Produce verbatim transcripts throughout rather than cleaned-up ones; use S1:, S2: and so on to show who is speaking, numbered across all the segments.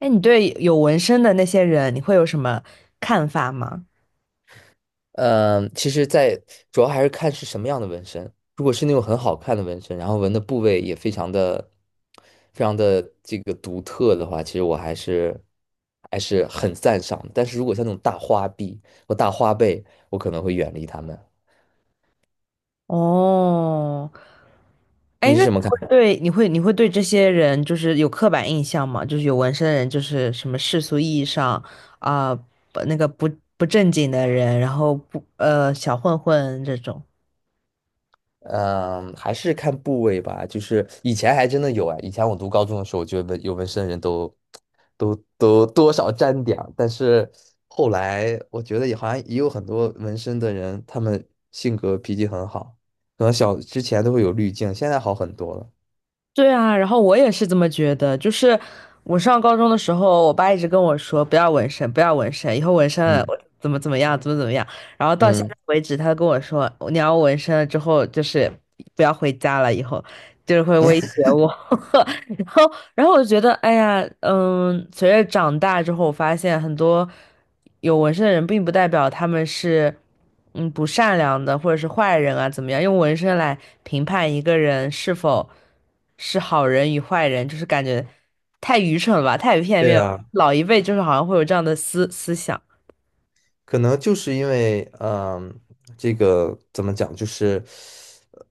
S1: 哎，你对有纹身的那些人，你会有什么看法吗？
S2: 嗯，呃其实在，主要还是看是什么样的纹身。如果是那种很好看的纹身，然后纹的部位也非常的、非常的这个独特的话，其实我还是还是很赞赏的。但是如果像那种大花臂或大花背，我可能会远离他们。
S1: 哦，哎，
S2: 你是
S1: 那你
S2: 什么
S1: 会
S2: 看？
S1: 对你会你会对这些人就是有刻板印象吗？就是有纹身的人，就是什么世俗意义上啊，不那个不不正经的人，然后不呃小混混这种。
S2: 嗯，还是看部位吧。就是以前还真的有。哎，以前我读高中的时候，我觉得纹有纹身的人都都都多少沾点儿，但是后来我觉得也好像也有很多纹身的人，他们性格脾气很好，可能小之前都会有滤镜，现在好很多了。
S1: 对啊，然后我也是这么觉得。就是我上高中的时候，我爸一直跟我说不要纹身，不要纹身，以后纹身了
S2: 嗯
S1: 我怎么怎么样，怎么怎么样。然后到现在
S2: 嗯，
S1: 为止，他跟我说你要纹身了之后，就是不要回家了，以后就是会威胁我。然后，然后我就觉得，哎呀，嗯，随着长大之后，我发现很多有纹身的人，并不代表他们是嗯不善良的或者是坏人啊，怎么样？用纹身来评判一个人是否。是好人与坏人，就是感觉太愚蠢了吧，太片
S2: 对
S1: 面了。
S2: 啊。
S1: 老一辈就是好像会有这样的思思想。
S2: 可能就是因为，嗯、这个怎么讲，就是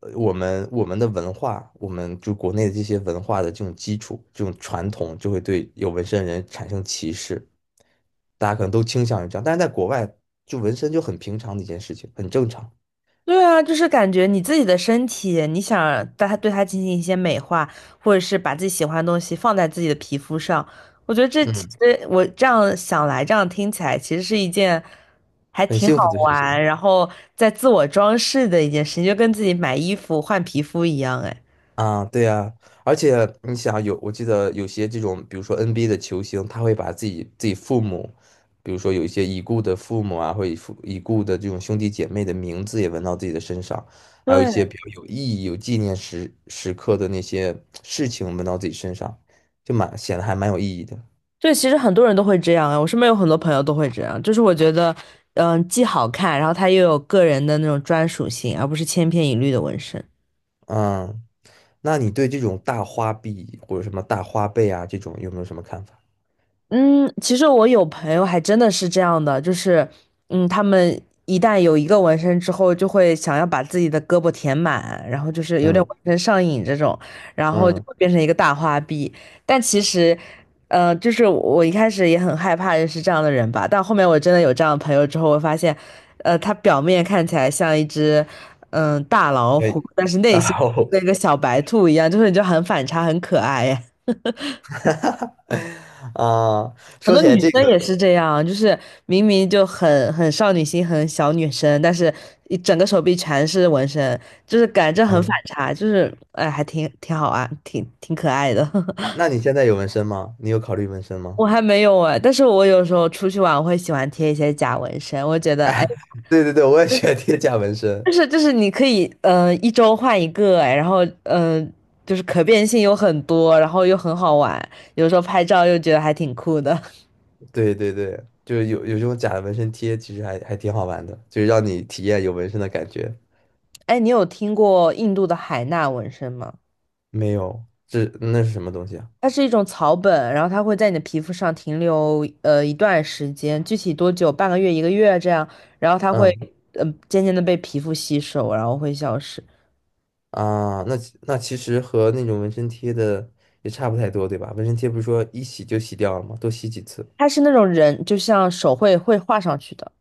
S2: 呃我们我们的文化，我们就国内的这些文化的这种基础、这种传统，就会对有纹身的人产生歧视。大家可能都倾向于这样，但是在国外，就纹身就很平常的一件事情，很正常，
S1: 对啊，就是感觉你自己的身体，你想对它对它进行一些美化，或者是把自己喜欢的东西放在自己的皮肤上，我觉得这其
S2: 嗯，
S1: 实我这样想来，这样听起来其实是一件还
S2: 很
S1: 挺好
S2: 幸福的事
S1: 玩，
S2: 情。
S1: 然后在自我装饰的一件事情，就跟自己买衣服换皮肤一样，哎。
S2: 啊，对呀，而且你想有，我记得有些这种，比如说 N B A 的球星，他会把自己自己父母，比如说有一些已故的父母啊，或者父已故的这种兄弟姐妹的名字也纹到自己的身上，还有一
S1: 对。
S2: 些比较有意义、有纪念时时刻的那些事情纹到自己身上，就蛮显得还蛮有意义的。
S1: 对，其实很多人都会这样啊，我身边有很多朋友都会这样，就是我觉得，嗯，既好看，然后它又有个人的那种专属性，而不是千篇一律的纹身。
S2: 嗯，那你对这种大花臂或者什么大花背啊这种有没有什么看法？
S1: 嗯，其实我有朋友还真的是这样的，就是，嗯，他们一旦有一个纹身之后，就会想要把自己的胳膊填满，然后就是有点
S2: 嗯
S1: 纹身上瘾这种，然后就
S2: 嗯，
S1: 会变成一个大花臂。但其实，呃，就是我一开始也很害怕认识这样的人吧，但后面我真的有这样的朋友之后，我发现，呃，他表面看起来像一只，嗯、大老
S2: 可
S1: 虎，
S2: 以，
S1: 但是 内
S2: 大
S1: 心
S2: 后。
S1: 跟个小白兔一样，就是你就很反差，很可爱。
S2: 哈哈。啊，
S1: 很
S2: 说
S1: 多
S2: 起来
S1: 女
S2: 这
S1: 生也
S2: 个，
S1: 是这样，就是明明就很很少女心、很小女生，但是一整个手臂全是纹身，就是感觉很反
S2: 嗯，
S1: 差，就是哎，还挺挺好玩，挺挺可爱的。
S2: 那那你现在有纹身吗？你有考虑纹身 吗？
S1: 我还没有哎，但是我有时候出去玩，我会喜欢贴一些假纹身，我觉得哎，
S2: 对对对，我也喜欢贴假纹身。
S1: 就是就是你可以嗯一周换一个哎，然后嗯、呃就是可变性有很多，然后又很好玩，有时候拍照又觉得还挺酷的。
S2: 对对对，就是有有这种假的纹身贴，其实还还挺好玩的，就是让你体验有纹身的感觉。
S1: 哎，你有听过印度的海纳纹身吗？
S2: 没有，这那是什么东西啊？
S1: 它是一种草本，然后它会在你的皮肤上停留呃一段时间，具体多久？半个月、一个月这样，然后它会
S2: 嗯。
S1: 嗯、呃渐渐的被皮肤吸收，然后会消失。
S2: 啊，那其那其实和那种纹身贴的也差不太多，对吧？纹身贴不是说一洗就洗掉了吗？多洗几次。
S1: 它是那种人，就像手绘会画上去的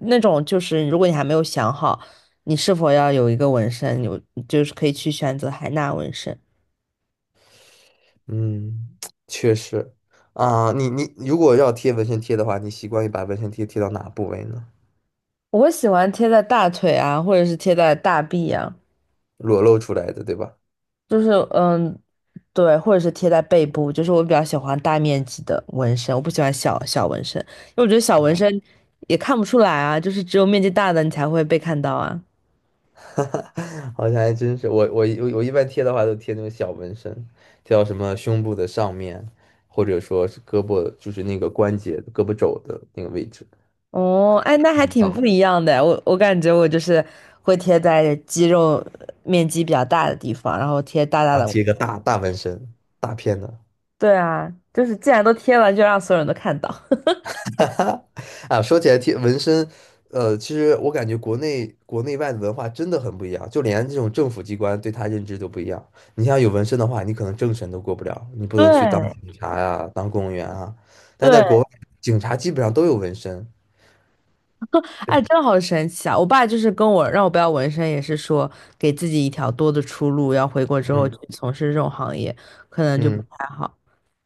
S1: 那种，就是如果你还没有想好你是否要有一个纹身，有就是可以去选择海纳纹身。
S2: 嗯，确实。啊，你你如果要贴纹身贴的话，你习惯于把纹身贴贴到哪部位呢？
S1: 我会喜欢贴在大腿啊，或者是贴在大臂啊。
S2: 裸露出来的，对吧？
S1: 就是嗯，对，或者是贴在背部，就是我比较喜欢大面积的纹身，我不喜欢小小纹身，因为我觉得小纹身也看不出来啊，就是只有面积大的你才会被看到啊。
S2: 好像还真是，我我我我一般贴的话都贴那种小纹身，贴到什么胸部的上面，或者说是胳膊，就是那个关节、胳膊肘的那个位置。
S1: 哦，哎，那还
S2: 嗯，
S1: 挺不
S2: 啊，
S1: 一样的，我我感觉我就是会贴在肌肉面积比较大的地方，然后贴大大
S2: 然
S1: 的
S2: 后
S1: 纹。
S2: 贴一个大大纹身，大片的。
S1: 对啊，就是既然都贴了，就让所有人都看到。
S2: 哈哈。啊，说起来贴纹身，呃，其实我感觉国内国内外的文化真的很不一样，就连这种政府机关对他认知都不一样。你像有纹身的话，你可能政审都过不了，你不能去当
S1: 对
S2: 警察呀、当公务员啊。但在
S1: 对，
S2: 国外，警察基本上都有纹身。
S1: 哎，真的好神奇啊！我爸就是跟我让我不要纹身，也是说给自己一条多的出路，要回国之后去
S2: 嗯
S1: 从事这种行业，可能就不
S2: 嗯，
S1: 太好。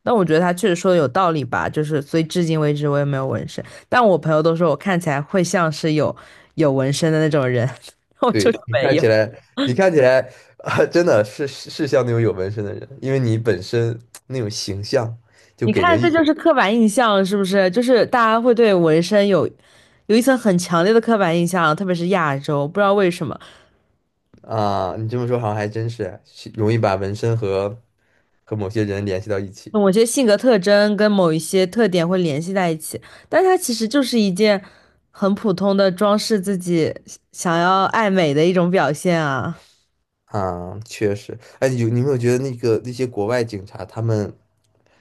S1: 但我觉得他确实说的有道理吧，就是所以至今为止我也没有纹身，但我朋友都说我看起来会像是有有纹身的那种人，我就是
S2: 对，你
S1: 没
S2: 看起
S1: 有。
S2: 来，你看起来，啊，真的是是是像那种有纹身的人，因为你本身那种形象就
S1: 你
S2: 给
S1: 看，
S2: 人一
S1: 这
S2: 种。
S1: 就是刻板印象，是不是？就是大家会对纹身有有一层很强烈的刻板印象，特别是亚洲，不知道为什么。
S2: 啊，你这么说好像还真是是容易把纹身和和某些人联系到一起。
S1: 某些性格特征跟某一些特点会联系在一起，但它其实就是一件很普通的装饰自己想要爱美的一种表现啊。
S2: 啊，确实。哎，有你有没有觉得那个那些国外警察，他们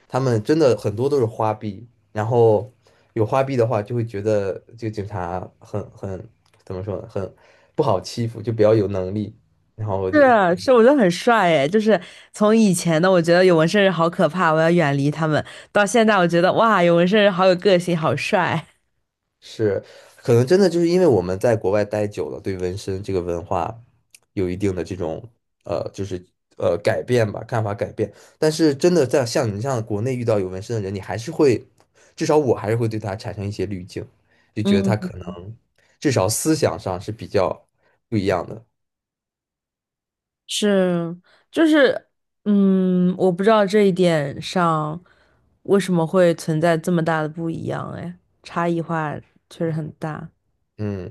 S2: 他们真的很多都是花臂，然后有花臂的话，就会觉得这个警察很很怎么说呢，很不好欺负，就比较有能力，然后就
S1: 是是，我觉得很帅诶，就是从以前的我觉得有纹身人好可怕，我要远离他们，到现在我觉得哇，有纹身人好有个性，好帅。
S2: 是，可能真的就是因为我们在国外待久了，对纹身这个文化有一定的这种呃，就是呃改变吧，看法改变。但是真的在像你这样国内遇到有纹身的人，你还是会，至少我还是会对他产生一些滤镜，就觉得他
S1: 嗯，
S2: 可能至少思想上是比较不一样的。
S1: 是，就是，嗯，我不知道这一点上为什么会存在这么大的不一样，哎，差异化确实很大。
S2: 嗯。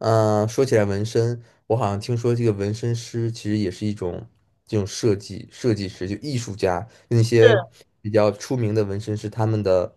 S2: 嗯，呃说起来纹身，我好像听说这个纹身师其实也是一种这种设计设计师，就艺术家，那些比较出名的纹身师，他们的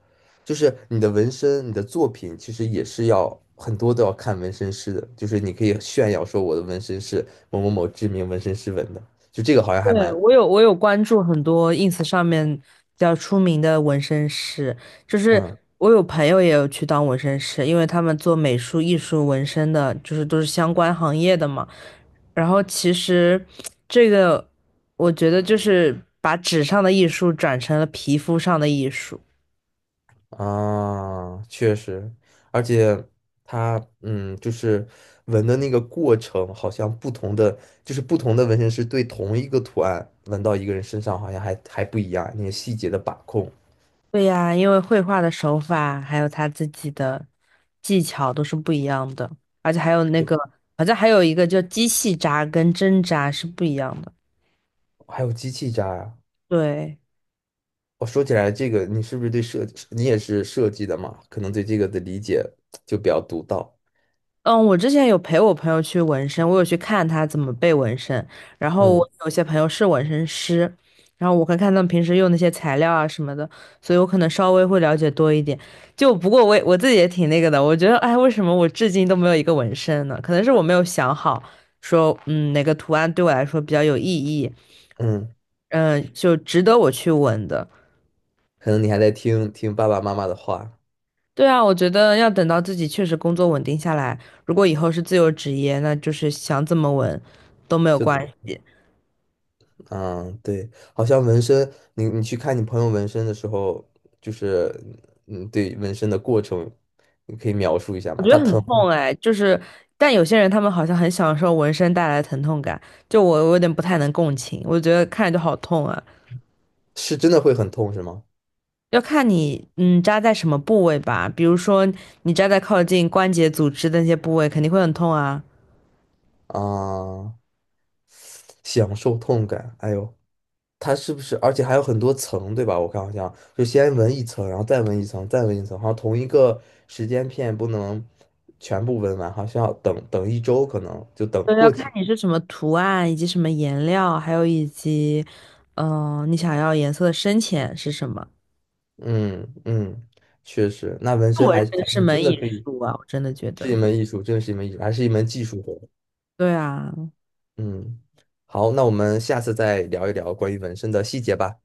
S2: 就是你的纹身，你的作品其实也是要很多都要看纹身师的，就是你可以炫耀说我的纹身是某某某知名纹身师纹的，就这个好像还
S1: 对，
S2: 蛮
S1: 我有我有关注很多 I N S 上面比较出名的纹身师，就是
S2: 嗯。
S1: 我有朋友也有去当纹身师，因为他们做美术、艺术、纹身的，就是都是相关行业的嘛。然后其实这个，我觉得就是把纸上的艺术转成了皮肤上的艺术。
S2: 啊，确实，而且它，嗯，就是纹的那个过程，好像不同的，就是不同的纹身师对同一个图案纹到一个人身上，好像还还不一样，那个细节的把控，
S1: 对呀，因为绘画的手法还有他自己的技巧都是不一样的，而且还有那个，好像还有一个叫机器扎跟针扎是不一样的。
S2: 还有机器扎呀。
S1: 对，
S2: 我说起来这个，你是不是对设计，你也是设计的嘛？可能对这个的理解就比较独到。
S1: 嗯，我之前有陪我朋友去纹身，我有去看他怎么被纹身，然后
S2: 嗯
S1: 我有些朋友是纹身师，然后我看看他们平时用那些材料啊什么的，所以我可能稍微会了解多一点。就不过我也我自己也挺那个的，我觉得哎，为什么我至今都没有一个纹身呢？可能是我没有想好说，嗯，哪个图案对我来说比较有意义，
S2: 嗯，
S1: 嗯，就值得我去纹的。
S2: 可能你还在听听爸爸妈妈的话，
S1: 对啊，我觉得要等到自己确实工作稳定下来，如果以后是自由职业，那就是想怎么稳都没有
S2: 就等
S1: 关
S2: 着
S1: 系。
S2: 嗯，对，好像纹身，你你去看你朋友纹身的时候，就是嗯，对纹身的过程，你可以描述一下
S1: 我
S2: 吗？
S1: 觉得
S2: 它
S1: 很
S2: 疼
S1: 痛
S2: 吗？
S1: 哎，就是，但有些人他们好像很享受纹身带来的疼痛感，就我我有点不太能共情，我觉得看着就好痛啊。
S2: 是真的会很痛是吗？
S1: 要看你嗯扎在什么部位吧，比如说你扎在靠近关节组织的那些部位，肯定会很痛啊。
S2: 啊，享受痛感，哎呦，它是不是？而且还有很多层，对吧？我看好像就先纹一层，然后再纹一层，再纹一层，好像同一个时间片不能全部纹完，好像要等等一周，可能就等
S1: 对，要
S2: 过
S1: 看
S2: 几，
S1: 你是什么图案，以及什么颜料，还有以及，嗯、你想要颜色的深浅是什么。
S2: 嗯嗯，确实，那纹身
S1: 纹
S2: 还
S1: 身
S2: 还
S1: 是
S2: 是真
S1: 门
S2: 的
S1: 艺
S2: 可以。
S1: 术啊，我真的觉
S2: 是一
S1: 得。
S2: 门艺术，真的是一门艺术，还是一门技术活。
S1: 对啊，
S2: 嗯，好，那我们下次再聊一聊关于纹身的细节吧。